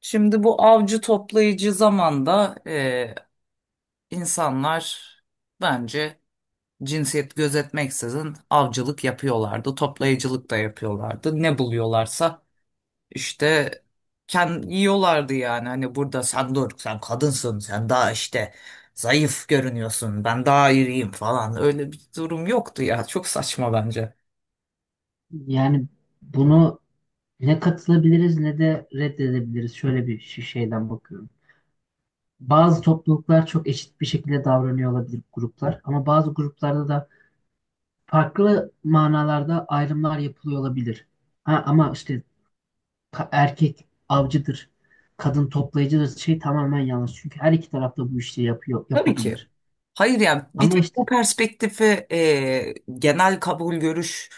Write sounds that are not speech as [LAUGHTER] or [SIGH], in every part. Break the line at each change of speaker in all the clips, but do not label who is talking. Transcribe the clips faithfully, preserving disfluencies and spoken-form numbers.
Şimdi bu avcı toplayıcı zamanda e, insanlar bence cinsiyet gözetmeksizin avcılık yapıyorlardı, toplayıcılık da yapıyorlardı. Ne buluyorlarsa işte kendi yiyorlardı yani. Hani burada sen dur, sen kadınsın, sen daha işte zayıf görünüyorsun, ben daha iriyim falan. Öyle bir durum yoktu ya. Çok saçma bence.
Yani bunu ne katılabiliriz ne de reddedebiliriz. Şöyle bir şi- şeyden bakıyorum. Bazı topluluklar çok eşit bir şekilde davranıyor olabilir gruplar, ama bazı gruplarda da farklı manalarda ayrımlar yapılıyor olabilir. Ha, ama işte ka- erkek avcıdır, kadın toplayıcıdır şey tamamen yanlış. Çünkü her iki tarafta bu işi yapıyor
Tabii ki.
yapabilir.
Hayır yani bir
Ama
tek
işte,
bu perspektifi e, genel kabul görüş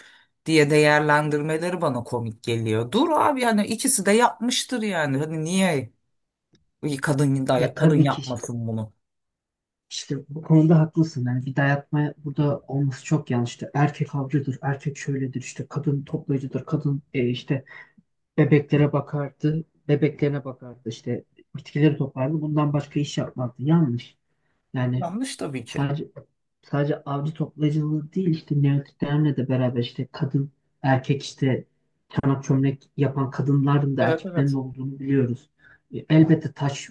diye değerlendirmeleri bana komik geliyor. Dur abi yani ikisi de yapmıştır yani. Hani niye kadın da
ya,
kadın
tabii ki.
yapmasın bunu?
İşte bu konuda haklısın. Yani bir dayatma burada olması çok yanlıştı. Erkek avcıdır, erkek şöyledir, işte kadın toplayıcıdır, kadın, e, işte bebeklere bakardı, bebeklerine bakardı, işte bitkileri toplardı. Bundan başka iş yapmazdı. Yanlış. Yani
Yanlış tabii ki.
sadece sadece avcı toplayıcılığı değil, işte neolitiklerle de beraber, işte kadın, erkek, işte çanak çömlek yapan kadınların da
Evet
erkeklerin de
evet.
olduğunu biliyoruz. E, Elbette taş,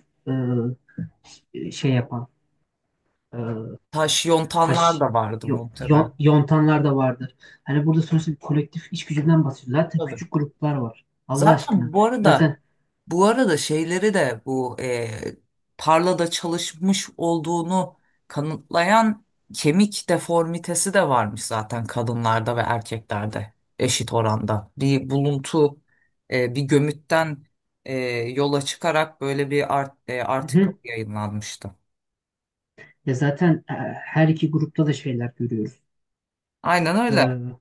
e, şey yapan, e,
Taş yontanlar
taş
da vardı
yo- yon-
muhtemelen.
yontanlar da vardır. Hani burada sonuçta bir kolektif iş gücünden bahsediyoruz. Zaten
Tabii.
küçük gruplar var. Allah
Zaten
aşkına.
bu arada
Zaten
bu arada şeyleri de bu e, tarlada çalışmış olduğunu kanıtlayan kemik deformitesi de varmış zaten kadınlarda ve erkeklerde eşit oranda. Bir buluntu e, bir gömütten e, yola çıkarak böyle bir art, e,
hı
article
hı.
yayınlanmıştı.
Ya zaten, e, her iki grupta da şeyler görüyoruz.
Aynen öyle.
Ee,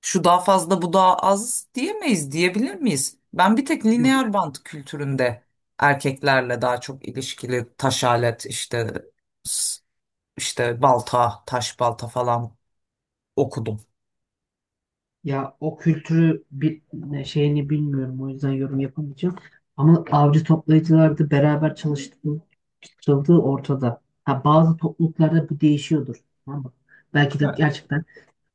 Şu daha fazla bu daha az diyemeyiz diyebilir miyiz? Ben bir tek
yok.
lineer bant kültüründe erkeklerle daha çok ilişkili taş alet işte s- işte balta taş balta falan okudum.
Ya o kültürü bir ne- şeyini bilmiyorum. O yüzden yorum yapamayacağım. Ama avcı toplayıcılarda beraber çalıştığı, çalışıldığı ortada. Ha, bazı topluluklarda bu değişiyordur. Tamam mı? Belki de
Evet.
gerçekten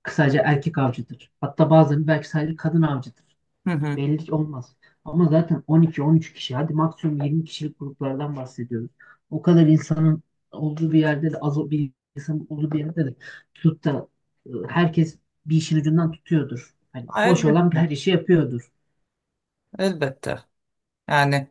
kısaca erkek avcıdır. Hatta bazen belki sadece kadın avcıdır.
Hı hı.
Belli olmaz. Ama zaten on iki on üç kişi, hadi maksimum yirmi kişilik gruplardan bahsediyoruz. O kadar insanın olduğu bir yerde de az o- bir insanın olduğu bir yerde de tutup da e, herkes bir işin ucundan tutuyordur. Hani boş olan
Elbette.
her işi yapıyordur.
Elbette. Yani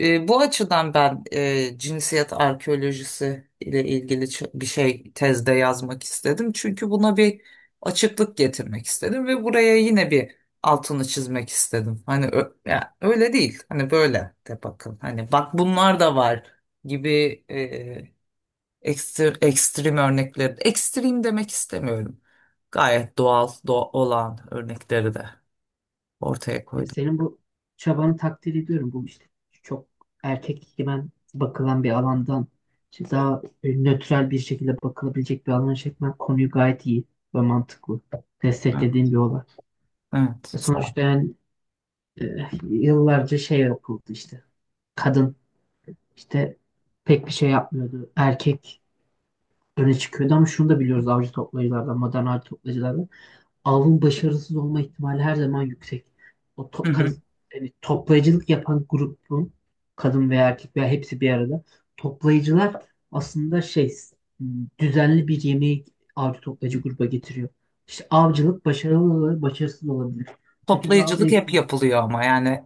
e, bu açıdan ben e, cinsiyet arkeolojisi ile ilgili ç- bir şey tezde yazmak istedim. Çünkü buna bir açıklık getirmek istedim ve buraya yine bir altını çizmek istedim. Hani ö- ya, öyle değil. Hani böyle de bakın. Hani bak bunlar da var gibi e, ekstrem, ekstrem örnekleri. Ekstrem demek istemiyorum. Gayet doğal do- olan örnekleri de ortaya
Ya
koydum.
senin bu çabanı takdir ediyorum. Bu, işte, çok erkek ben bakılan bir alandan işte daha, e, nötral bir şekilde bakılabilecek bir alana çekmen konuyu gayet iyi ve mantıklı.
Ha,
Desteklediğim bir olay.
evet.
E
Sağ ol.
Sonuçta yani, E, yıllarca şey yapıldı işte. Kadın, işte, pek bir şey yapmıyordu. Erkek öne çıkıyordu, ama şunu da biliyoruz avcı toplayıcılardan, modern avcı toplayıcılardan. Avın başarısız olma ihtimali her zaman yüksek. O to- kadın,
[LAUGHS]
yani toplayıcılık yapan grubun kadın veya erkek veya hepsi bir arada. Toplayıcılar aslında şey m, düzenli bir yemeği avcı toplayıcı gruba getiriyor. İşte avcılık başarılı olabilir, başarısız olabilir. Kötü bir avda
Toplayıcılık hep
yapılır.
yapılıyor ama yani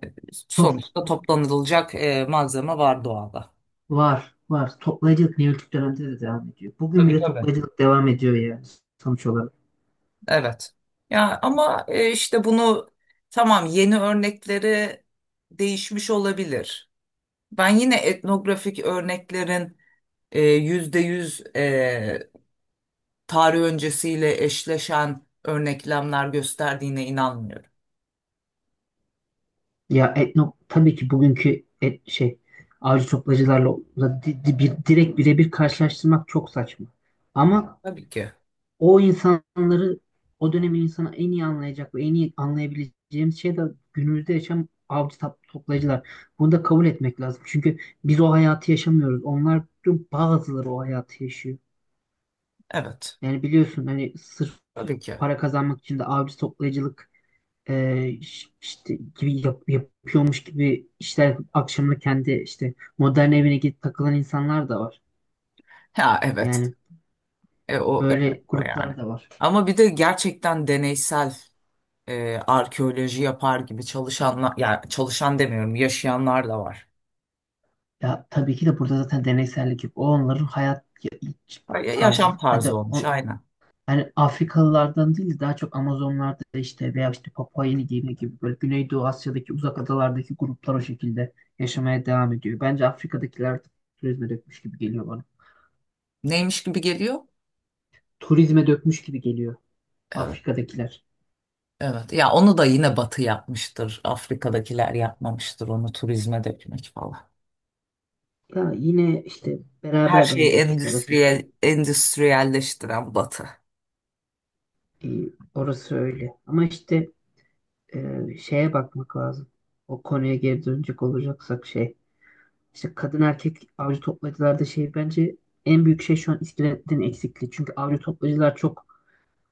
Top,
sonuçta
top
toplanılacak e, malzeme var doğada.
Var, var. Toplayıcılık Neolitik dönemde de devam ediyor. Bugün
Tabii
bile
tabii.
toplayıcılık devam ediyor, yani sonuç olarak.
Evet. Ya ama e, işte bunu tamam yeni örnekleri değişmiş olabilir. Ben yine etnografik örneklerin e, yüzde yüz e, tarih öncesiyle eşleşen örneklemler gösterdiğine inanmıyorum.
Ya etno, tabii ki bugünkü et, şey avcı toplayıcılarla da di- di- bir, direkt birebir karşılaştırmak çok saçma. Ama
Tabii ki.
o insanları, o dönemin insanı en iyi anlayacak ve en iyi anlayabileceğimiz şey de günümüzde yaşam avcı tap- toplayıcılar. Bunu da kabul etmek lazım. Çünkü biz o hayatı yaşamıyoruz. Onlar, bazıları, o hayatı yaşıyor.
Evet.
Yani biliyorsun, hani sırf
Tabii ki.
para kazanmak için de avcı toplayıcılık, e, iş- işte gibi yap- yapıyormuş gibi işler yapıp akşamını kendi işte modern evine gidip takılan insanlar da var.
Ha evet.
Yani
E, o, evet,
böyle
o yani.
gruplar da var.
Ama bir de gerçekten deneysel e, arkeoloji yapar gibi çalışanlar, yani çalışan demiyorum, yaşayanlar da var.
Ya tabii ki de burada zaten deneysellik yok. O, onların hayat ya- iç-
Ya-
tarzı.
Yaşam
Hadi
tarzı olmuş
o-
aynen.
yani Afrikalılardan değil de daha çok Amazonlarda, işte, veya işte Papua Yeni Gine gibi böyle Güneydoğu Asya'daki uzak adalardaki gruplar o şekilde yaşamaya devam ediyor. Bence Afrika'dakiler artık turizme dökmüş gibi geliyor bana.
Neymiş gibi geliyor?
Turizme dökmüş gibi geliyor
Evet,
Afrika'dakiler.
evet. Ya onu da yine Batı yapmıştır. Afrika'dakiler yapmamıştır onu turizme dökmek falan.
Ya yine işte
Her
beraber
şeyi
bence iki tarafın.
endüstriyel, endüstriyelleştiren Batı.
Ee, orası öyle. Ama işte, e, şeye bakmak lazım. O konuya geri dönecek olacaksak şey. İşte kadın erkek avcı toplayıcılarda şey, bence, en büyük şey şu an iskeletin eksikliği. Çünkü avcı toplayıcılar çok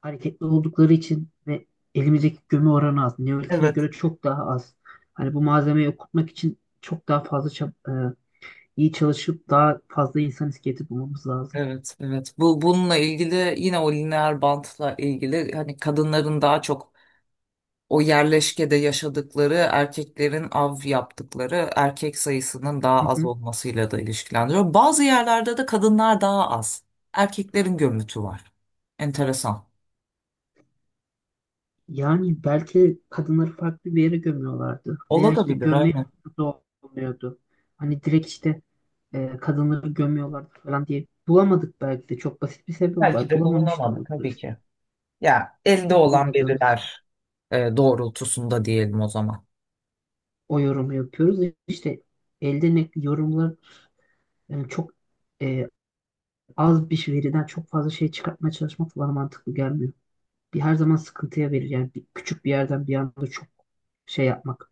hareketli oldukları için ve elimizdeki gömü oranı az. Neolitik'e
Evet.
göre çok daha az. Hani bu malzemeyi okutmak için çok daha fazla çab- e, iyi çalışıp daha fazla insan iskeleti bulmamız lazım.
Evet, evet. Bu bununla ilgili yine o lineer bantla ilgili hani kadınların daha çok o yerleşkede yaşadıkları erkeklerin av yaptıkları erkek sayısının
Hı
daha az
hı.
olmasıyla da ilişkilendiriyor. Bazı yerlerde de kadınlar daha az. Erkeklerin gömütü var. Enteresan.
Yani belki kadınları farklı bir yere gömüyorlardı. Veya işte
Olabilir
gömme
aynen.
fırsatı olmuyordu. Hani direkt işte, e, kadınları gömüyorlardı falan diye. Bulamadık belki de. Çok basit bir sebep
Belki
var.
de
Bulamamış da
bulunamadı tabii
olabiliriz.
ki. Ya elde
Yani
olan
bulamadığımız
veriler e, doğrultusunda diyelim o zaman.
o yorumu yapıyoruz. İşte elde ne yorumlar, yani çok, e, az bir veriden çok fazla şey çıkartmaya çalışmak bana mantıklı gelmiyor. Bir her zaman sıkıntıya verir. Yani bir, küçük bir yerden bir anda çok şey yapmak.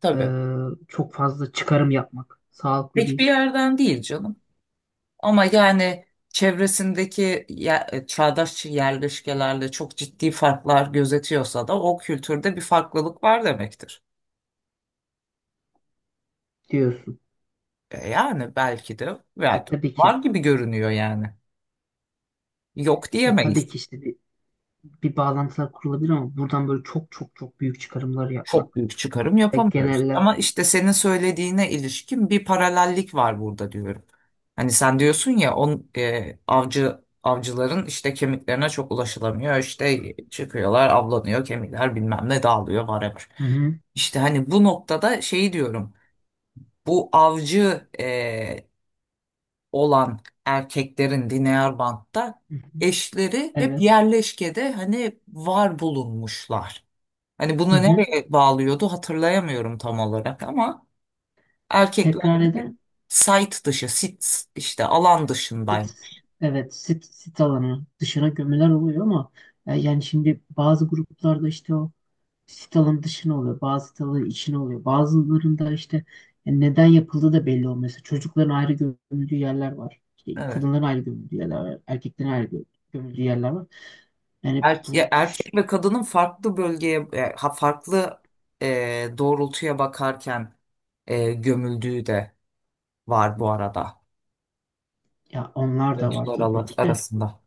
Tabii.
Ee, çok fazla çıkarım yapmak sağlıklı
Pek bir
değil
yerden değil canım. Ama yani çevresindeki ye- çağdaş yerleşkelerle çok ciddi farklar gözetiyorsa da o kültürde bir farklılık var demektir.
diyorsun.
E yani belki de
E
var,
tabii
var
ki
gibi görünüyor yani. Yok
e
diyemeyiz.
tabii ki, işte bir, bir bağlantılar kurulabilir, ama buradan böyle çok çok çok büyük çıkarımlar
Çok
yapmak
büyük çıkarım
ve
yapamıyoruz.
genelle
Ama işte senin söylediğine ilişkin bir paralellik var burada diyorum. Hani sen diyorsun ya on e, avcı avcıların işte kemiklerine çok ulaşılamıyor. İşte çıkıyorlar, avlanıyor, kemikler bilmem ne dağılıyor whatever.
hı hı,
İşte hani bu noktada şeyi diyorum. Bu avcı e, olan erkeklerin Dinyarbank'ta
hı hı,
eşleri hep
evet,
yerleşkede hani var bulunmuşlar. Hani bunu
hı hı.
nereye bağlıyordu hatırlayamıyorum tam olarak ama
Tekrar eder
erkeklerde site dışı, sit işte alan
sit,
dışındayım.
evet, sit, sit alanı dışına gömüler oluyor, ama e, yani şimdi bazı gruplarda işte o sit alanı dışına oluyor. Bazı sit alanı içine oluyor. Bazılarında işte, e, neden yapıldığı da belli olmuyor. Mesela çocukların ayrı gömüldüğü yerler var. İşte
Evet.
kadınların ayrı gömüldüğü yerler var. Erkeklerin ayrı gö- gömüldüğü yerler var. Yani
Erke
bu,
erkek ve kadının farklı bölgeye, e, ha- farklı e, doğrultuya bakarken e, gömüldüğü de var bu arada.
ya, onlar da var
Oyuncular ala-
tabii ki de.
arasında.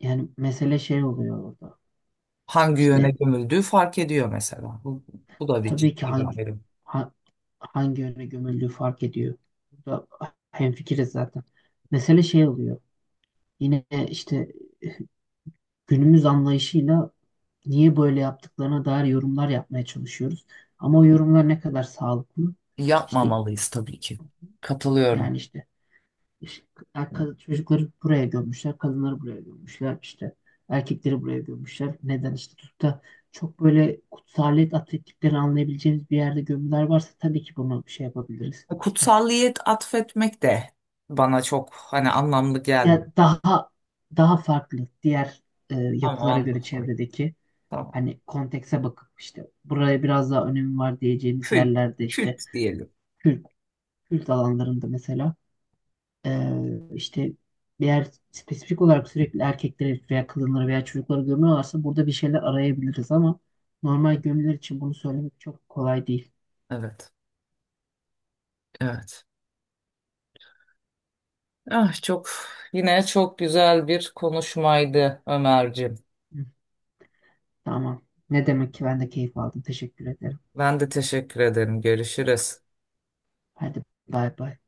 Yani mesele şey oluyor orada.
Hangi yöne
İşte
gömüldüğü fark ediyor mesela. Bu, bu da bir
tabii ki
ciddi bir
hangi
ayrım.
ha- hangi yöne gömüldüğü fark ediyor. Burada hemfikiriz zaten. Mesele şey oluyor. Yine işte günümüz anlayışıyla niye böyle yaptıklarına dair yorumlar yapmaya çalışıyoruz. Ama o yorumlar ne kadar sağlıklı? İşte,
Yapmamalıyız tabii ki. Katılıyorum.
yani, işte, işte, kad- çocukları buraya gömmüşler, kadınları buraya gömmüşler, işte erkekleri buraya gömmüşler. Neden işte tutup da çok böyle kutsaliyet atfettiklerini anlayabileceğimiz bir yerde gömüler varsa tabii ki bunu şey yapabiliriz. İşte
Kutsalliyet atfetmek de bana çok hani anlamlı
ya
gelmiyor.
daha daha farklı diğer, e,
Ama
yapılara göre
anladım.
çevredeki
Tamam.
hani kontekse bakıp işte buraya biraz daha önemi var diyeceğimiz
Kült,
yerlerde, işte
kült diyelim.
Kürt, Kürt alanlarında mesela, e, işte bir yer spesifik olarak sürekli erkekleri veya kadınları veya çocukları gömüyorlarsa burada bir şeyler arayabiliriz, ama normal gömüler için bunu söylemek çok kolay değil.
Evet, evet. Ah çok yine çok güzel bir konuşmaydı Ömerciğim.
Hı, tamam. Ne demek, ki ben de keyif aldım. Teşekkür ederim.
Ben de teşekkür ederim. Görüşürüz.
Hadi bay bay.